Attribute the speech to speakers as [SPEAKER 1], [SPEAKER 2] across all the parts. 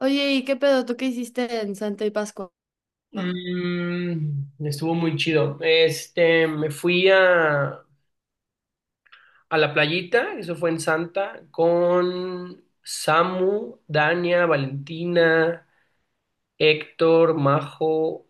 [SPEAKER 1] Oye, ¿y qué pedo? ¿Tú qué hiciste en Santa y Pascua?
[SPEAKER 2] Estuvo muy chido. Este, me fui a la playita. Eso fue en Santa, con Samu, Dania, Valentina, Héctor, Majo,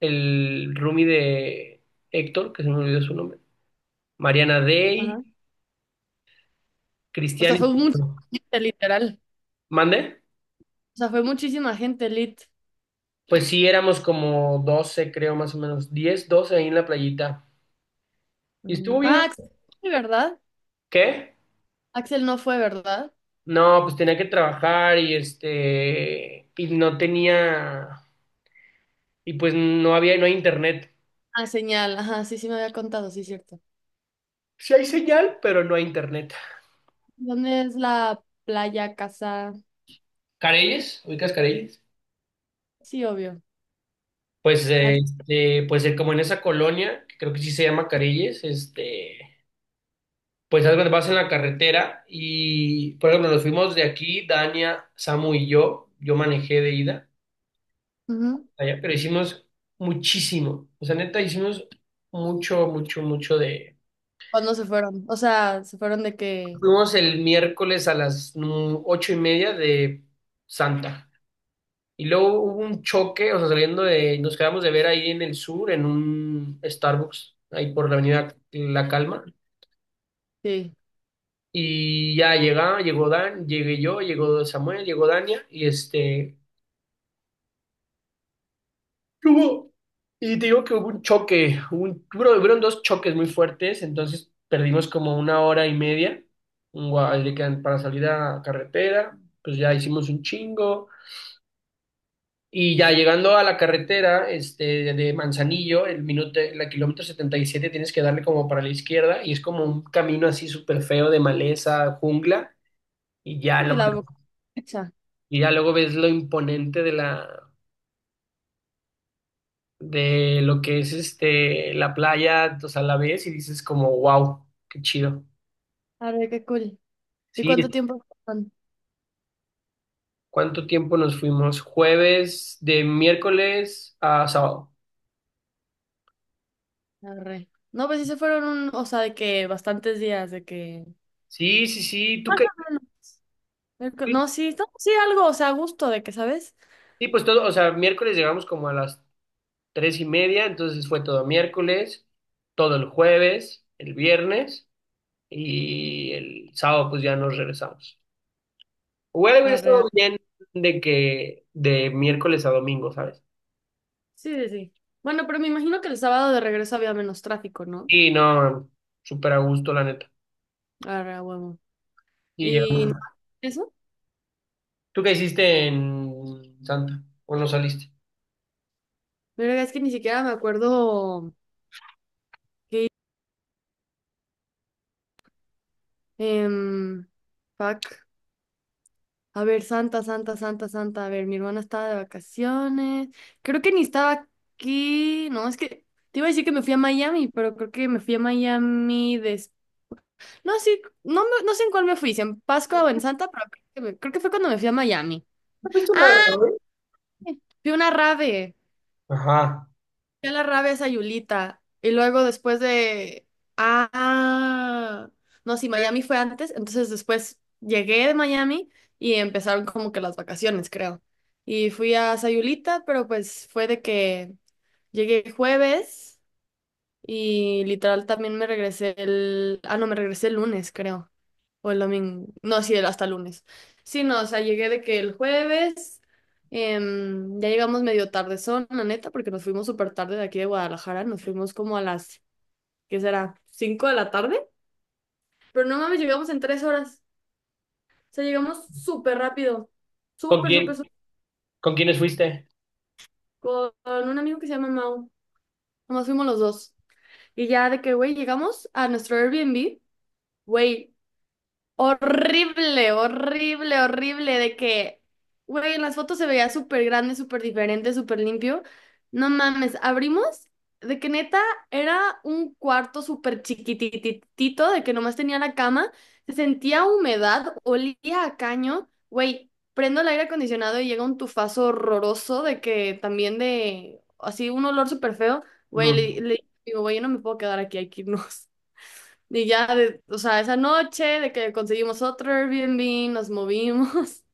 [SPEAKER 2] el roomie de Héctor, que se me olvidó su nombre, Mariana Day,
[SPEAKER 1] Ajá. O
[SPEAKER 2] Cristian
[SPEAKER 1] sea, fue
[SPEAKER 2] y...
[SPEAKER 1] mucha gente, literal.
[SPEAKER 2] ¿Mande?
[SPEAKER 1] O sea, fue muchísima gente, lit.
[SPEAKER 2] Pues sí, éramos como 12 creo, más o menos, 10 12 ahí en la playita. Y estuvo bien.
[SPEAKER 1] Ah, Axel, fue, ¿verdad?
[SPEAKER 2] ¿Qué?
[SPEAKER 1] Axel no fue, ¿verdad?
[SPEAKER 2] No, pues tenía que trabajar y este, y no tenía, y pues no había, no hay internet.
[SPEAKER 1] Ah, señal. Ajá, sí, me había contado, sí, cierto.
[SPEAKER 2] Sí hay señal, pero no hay internet.
[SPEAKER 1] ¿Dónde es la playa, casa?
[SPEAKER 2] Careyes, ¿ubicas Careyes?
[SPEAKER 1] Sí, obvio.
[SPEAKER 2] Pues,
[SPEAKER 1] ¿A ti?
[SPEAKER 2] este, pues como en esa colonia, que creo que sí se llama Careyes, este, pues algo vas en la carretera y, por ejemplo, nos fuimos de aquí, Dania, Samu y yo manejé de ida
[SPEAKER 1] Ujú.
[SPEAKER 2] allá, pero hicimos muchísimo, o sea, neta, hicimos mucho, mucho, mucho de...
[SPEAKER 1] ¿Cuándo se fueron? O sea, se fueron de que...
[SPEAKER 2] Fuimos el miércoles a las 8:30 de Santa. Y luego hubo un choque, o sea, saliendo de, nos quedamos de ver ahí en el sur, en un Starbucks, ahí por la avenida La Calma.
[SPEAKER 1] Sí.
[SPEAKER 2] Y ya llegó Dan, llegué yo, llegó Samuel, llegó Dania, y este, ¿qué hubo? Y te digo que hubo un choque, hubieron dos choques muy fuertes, entonces perdimos como una hora y media en Gua- de que- para salir a carretera, pues ya hicimos un chingo. Y ya llegando a la carretera este, de Manzanillo, la kilómetro 77 tienes que darle como para la izquierda y es como un camino así súper feo de maleza, jungla, y ya,
[SPEAKER 1] Sí,
[SPEAKER 2] la-
[SPEAKER 1] la fecha.
[SPEAKER 2] y ya luego ves lo imponente de de lo que es este, la playa, o sea, la ves y dices como, wow, qué chido.
[SPEAKER 1] Arre, qué cool. ¿Y
[SPEAKER 2] Sí,
[SPEAKER 1] cuánto tiempo fueron?
[SPEAKER 2] ¿cuánto tiempo nos fuimos? Jueves, de miércoles a sábado.
[SPEAKER 1] Arre. No, pues sí se fueron un... O sea, de que bastantes días, de que...
[SPEAKER 2] Sí, sí, sí, tú
[SPEAKER 1] Más
[SPEAKER 2] qué,
[SPEAKER 1] o menos. No, sí, no, sí, algo, o sea, a gusto de que, ¿sabes?
[SPEAKER 2] sí, pues todo, o sea, miércoles llegamos como a las 3:30, entonces fue todo miércoles, todo el jueves, el viernes y el sábado pues ya nos regresamos. Hubiera
[SPEAKER 1] Arre, a-
[SPEAKER 2] estado bien de que de miércoles a domingo, ¿sabes?
[SPEAKER 1] Sí, sí, sí. Bueno, pero me imagino que el sábado de regreso había menos tráfico, ¿no?
[SPEAKER 2] Y no, súper a gusto la neta.
[SPEAKER 1] Arre, a huevo.
[SPEAKER 2] Y
[SPEAKER 1] Y
[SPEAKER 2] llegamos.
[SPEAKER 1] no, eso,
[SPEAKER 2] ¿Tú qué hiciste en Santa? ¿O no saliste?
[SPEAKER 1] pero es que ni siquiera me acuerdo. em, Fuck. A ver, Santa, Santa, Santa, Santa. A ver, mi hermana estaba de vacaciones. Creo que ni estaba aquí. No, es que te iba a decir que me fui a Miami, pero creo que me fui a Miami. No, sí, no, no sé en cuál me fui, si en Pascua o en Santa, pero creo que, creo que fue cuando me fui a Miami.
[SPEAKER 2] ¿No fuiste a nada,
[SPEAKER 1] Ah,
[SPEAKER 2] güey?
[SPEAKER 1] fui a una rave,
[SPEAKER 2] Ajá.
[SPEAKER 1] fui a la rave a Sayulita. Y luego después de... Ah, no, sí, Miami fue antes, entonces después llegué de Miami y empezaron como que las vacaciones, creo. Y fui a Sayulita, pero pues fue de que llegué jueves y literal también me regresé el... Ah, no, me regresé el lunes, creo. O el domingo. No, sí, el- hasta el lunes. Sí, no, o sea, llegué de que el jueves. Ya llegamos medio tardezón, la neta, porque nos fuimos súper tarde de aquí de Guadalajara. Nos fuimos como a las, ¿qué será? ¿Cinco de la tarde? Pero no mames, llegamos en 3 horas. O sea, llegamos súper rápido.
[SPEAKER 2] ¿Con
[SPEAKER 1] Súper,
[SPEAKER 2] quién?
[SPEAKER 1] súper, súper.
[SPEAKER 2] ¿Con quiénes fuiste?
[SPEAKER 1] Con un amigo que se llama Mau. Nomás fuimos los dos. Y ya de que, güey, llegamos a nuestro Airbnb. Güey, horrible, horrible, horrible, de que, güey, en las fotos se veía súper grande, súper diferente, súper limpio. No mames, abrimos, de que neta era un cuarto súper chiquititito, de que nomás tenía la cama, se sentía humedad, olía a caño, güey, prendo el aire acondicionado y llega un tufazo horroroso, de que también de, así, un olor súper feo, güey,
[SPEAKER 2] Ujú.
[SPEAKER 1] le digo, güey, yo no me puedo quedar aquí, hay que irnos. Y ya, de- o sea, esa noche de que conseguimos otro Airbnb, nos movimos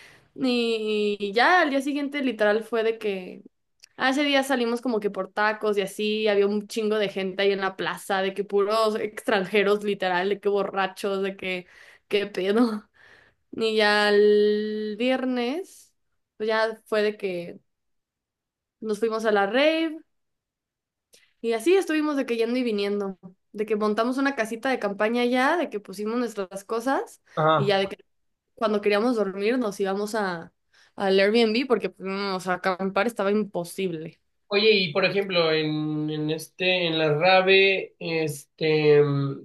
[SPEAKER 1] y ya al día siguiente literal fue de que, ah, ese día salimos como que por tacos y así, había un chingo de gente ahí en la plaza, de que puros extranjeros literal, de que borrachos, de que, qué pedo. Y ya el viernes, pues ya fue de que nos fuimos a la rave. Y así estuvimos de que yendo y viniendo, de que montamos una casita de campaña ya, de que pusimos nuestras cosas y
[SPEAKER 2] Ajá.
[SPEAKER 1] ya de que cuando queríamos dormir nos íbamos a al Airbnb porque pues, no, o sea, acampar estaba imposible.
[SPEAKER 2] Oye, y por ejemplo, en la Rave, este,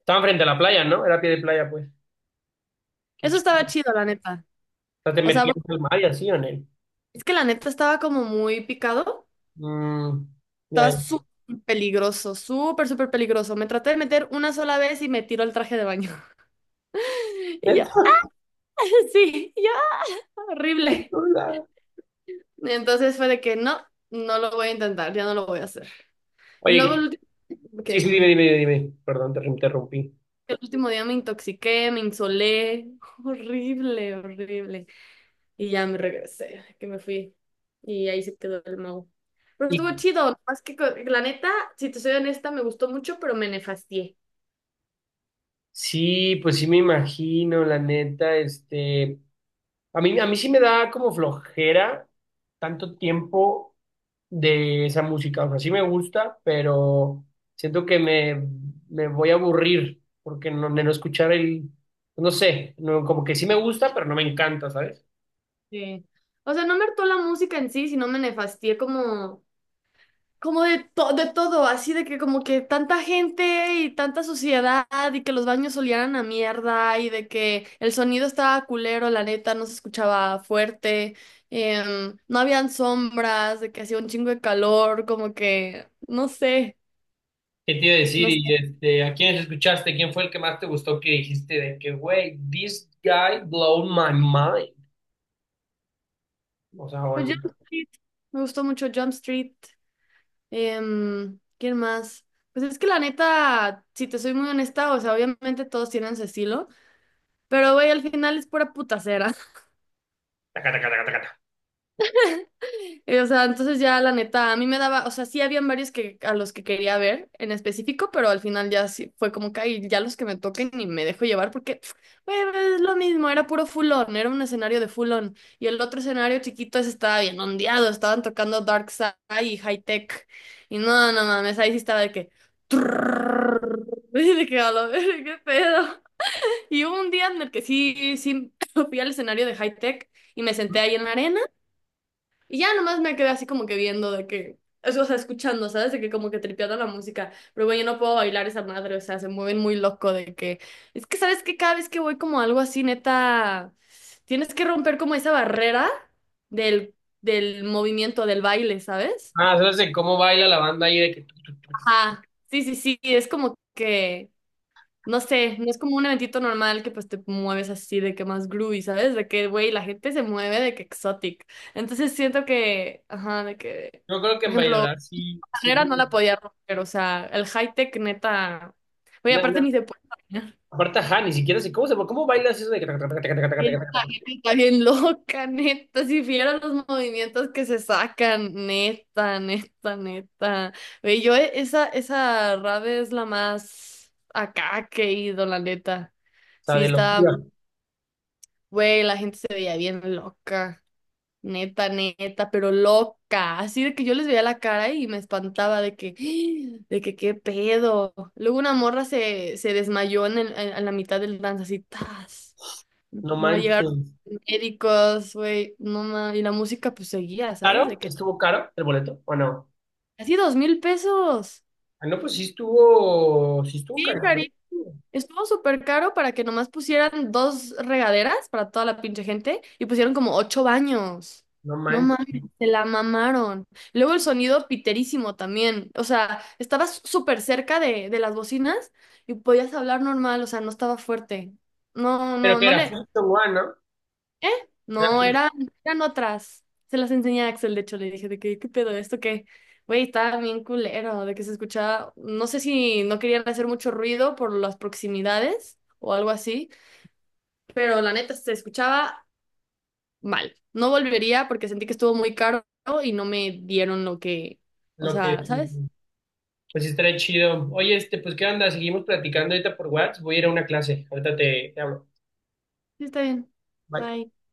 [SPEAKER 2] estaban frente a la playa, ¿no? Era pie de playa, pues. Qué
[SPEAKER 1] Eso estaba
[SPEAKER 2] chido.
[SPEAKER 1] chido, la neta.
[SPEAKER 2] O sea, te
[SPEAKER 1] O sea,
[SPEAKER 2] metías
[SPEAKER 1] porque
[SPEAKER 2] al mar y así, ¿o no?
[SPEAKER 1] es que la neta estaba como muy picado,
[SPEAKER 2] Mm, ya,
[SPEAKER 1] estaba
[SPEAKER 2] ya.
[SPEAKER 1] súper peligroso, súper, súper peligroso. Me traté de meter una sola vez y me tiró el traje de baño. Y ya, sí, ya, horrible.
[SPEAKER 2] Hola.
[SPEAKER 1] Entonces fue de que no, no lo voy a intentar, ya no lo voy a hacer. Y luego
[SPEAKER 2] Oye,
[SPEAKER 1] el... Ok,
[SPEAKER 2] sí, sí, dime,
[SPEAKER 1] dime.
[SPEAKER 2] dime, dime. Perdón, te interrumpí.
[SPEAKER 1] El último día me intoxiqué, me insolé, horrible, horrible. Y ya me regresé, que me fui. Y ahí se quedó el mago. Pero
[SPEAKER 2] ¿Y
[SPEAKER 1] estuvo chido, más que la neta, si te soy honesta, me gustó mucho, pero me nefastié.
[SPEAKER 2] sí, pues sí me imagino, la neta, este, a mí sí me da como flojera tanto tiempo de esa música, o sea, sí me gusta, pero siento que me voy a aburrir porque no, de no escuchar el, no sé, no, como que sí me gusta, pero no me encanta, ¿sabes?
[SPEAKER 1] Sí. O sea, no me hartó la música en sí, sino me nefastié como de, de todo, así de que como que tanta gente y tanta suciedad y que los baños olían a mierda y de que el sonido estaba culero, la neta, no se escuchaba fuerte, no habían sombras, de que hacía un chingo de calor, como que, no sé,
[SPEAKER 2] ¿Qué te iba a decir?
[SPEAKER 1] no sé.
[SPEAKER 2] Y este, ¿a quiénes escuchaste? ¿Quién fue el que más te gustó que dijiste de que, güey, this guy blow my mind? O sea, o
[SPEAKER 1] Pero
[SPEAKER 2] el...
[SPEAKER 1] Jump Street, me gustó mucho Jump Street, ¿quién más? Pues es que la neta, si te soy muy honesta, o sea, obviamente todos tienen su estilo, pero güey, al final es pura putacera.
[SPEAKER 2] taca, taca, taca, taca, taca.
[SPEAKER 1] O sea, entonces ya la neta, a mí me daba, o sea, sí habían varios que a los que quería ver en específico, pero al final ya sí fue como que "Ay, ya los que me toquen y me dejo llevar", porque güey, es lo mismo, era puro fulón, era un escenario de fulón y el otro escenario chiquito ese estaba bien ondeado, estaban tocando Dark Side y High Tech y no, no mames, ahí sí estaba de que y de que a la verga, qué pedo. Y hubo un día en el que sí fui al escenario de High Tech y me senté ahí en la arena. Y ya nomás me quedé así como que viendo de que, eso, o sea, escuchando, ¿sabes? De que como que tripeando la música, pero güey, yo no puedo bailar esa madre, o sea, se mueven muy loco de que, es que, ¿sabes que cada vez que voy como a algo así, neta, tienes que romper como esa barrera del, del movimiento, del baile, ¿sabes?
[SPEAKER 2] Ah, sabes de cómo baila la banda ahí de que tu, tu, tu, tu.
[SPEAKER 1] Ajá, sí, sí, sí, es como que, no sé, no es como un eventito normal que pues te mueves así de que más groovy, ¿sabes? De que, güey, la gente se mueve de que exotic. Entonces siento que, ajá, de que...
[SPEAKER 2] Yo creo que
[SPEAKER 1] Por
[SPEAKER 2] en
[SPEAKER 1] ejemplo,
[SPEAKER 2] bailar sí, sí.
[SPEAKER 1] manera no la podía romper, o sea, el high tech neta. Oye,
[SPEAKER 2] No,
[SPEAKER 1] aparte
[SPEAKER 2] no.
[SPEAKER 1] ni se puede caminar.
[SPEAKER 2] Aparte ajá, ni siquiera sé cómo bailas eso de que taca, taca, taca, taca, taca,
[SPEAKER 1] Y
[SPEAKER 2] taca,
[SPEAKER 1] esta
[SPEAKER 2] taca, taca?
[SPEAKER 1] gente está bien loca, neta. Si vieras los movimientos que se sacan, neta, neta, neta. Ve yo esa, esa rave es la más acá que he ido, la neta.
[SPEAKER 2] O sea,
[SPEAKER 1] Sí,
[SPEAKER 2] de
[SPEAKER 1] está,
[SPEAKER 2] locura.
[SPEAKER 1] güey, la gente se veía bien loca. Neta, neta, pero loca. Así de que yo les veía la cara y me espantaba de que, de que qué pedo. Luego una morra se desmayó en, a la mitad del dance, así, tas.
[SPEAKER 2] No
[SPEAKER 1] No llegaron
[SPEAKER 2] manches.
[SPEAKER 1] médicos, güey, no ma- Y la música pues seguía, ¿sabes? De
[SPEAKER 2] ¿Caro?
[SPEAKER 1] que,
[SPEAKER 2] ¿Estuvo caro el boleto o no?
[SPEAKER 1] así $2,000.
[SPEAKER 2] Ah, no, pues sí estuvo caro.
[SPEAKER 1] Sí, estuvo súper caro para que nomás pusieran 2 regaderas para toda la pinche gente y pusieron como 8 baños.
[SPEAKER 2] No
[SPEAKER 1] No mames,
[SPEAKER 2] manches.
[SPEAKER 1] se la mamaron. Luego el sonido piterísimo también. O sea, estabas súper cerca de las bocinas y podías hablar normal, o sea, no estaba fuerte. No,
[SPEAKER 2] Pero
[SPEAKER 1] no,
[SPEAKER 2] que
[SPEAKER 1] no
[SPEAKER 2] era
[SPEAKER 1] le.
[SPEAKER 2] First and One, ¿no? Era
[SPEAKER 1] No,
[SPEAKER 2] First,
[SPEAKER 1] eran, eran otras. Se las enseñé a Axel, de hecho, le dije de que, ¿qué pedo? ¿Esto qué? Güey, estaba bien culero, de que se escuchaba, no sé si no querían hacer mucho ruido por las proximidades o algo así, pero la neta se escuchaba mal. No volvería porque sentí que estuvo muy caro y no me dieron lo que, o
[SPEAKER 2] lo que
[SPEAKER 1] sea, ¿sabes?
[SPEAKER 2] pues sí estaría chido. Oye, este, pues ¿qué onda? Seguimos platicando ahorita por WhatsApp. Voy a ir a una clase. Ahorita te hablo.
[SPEAKER 1] Sí, está bien.
[SPEAKER 2] Bye.
[SPEAKER 1] Bye.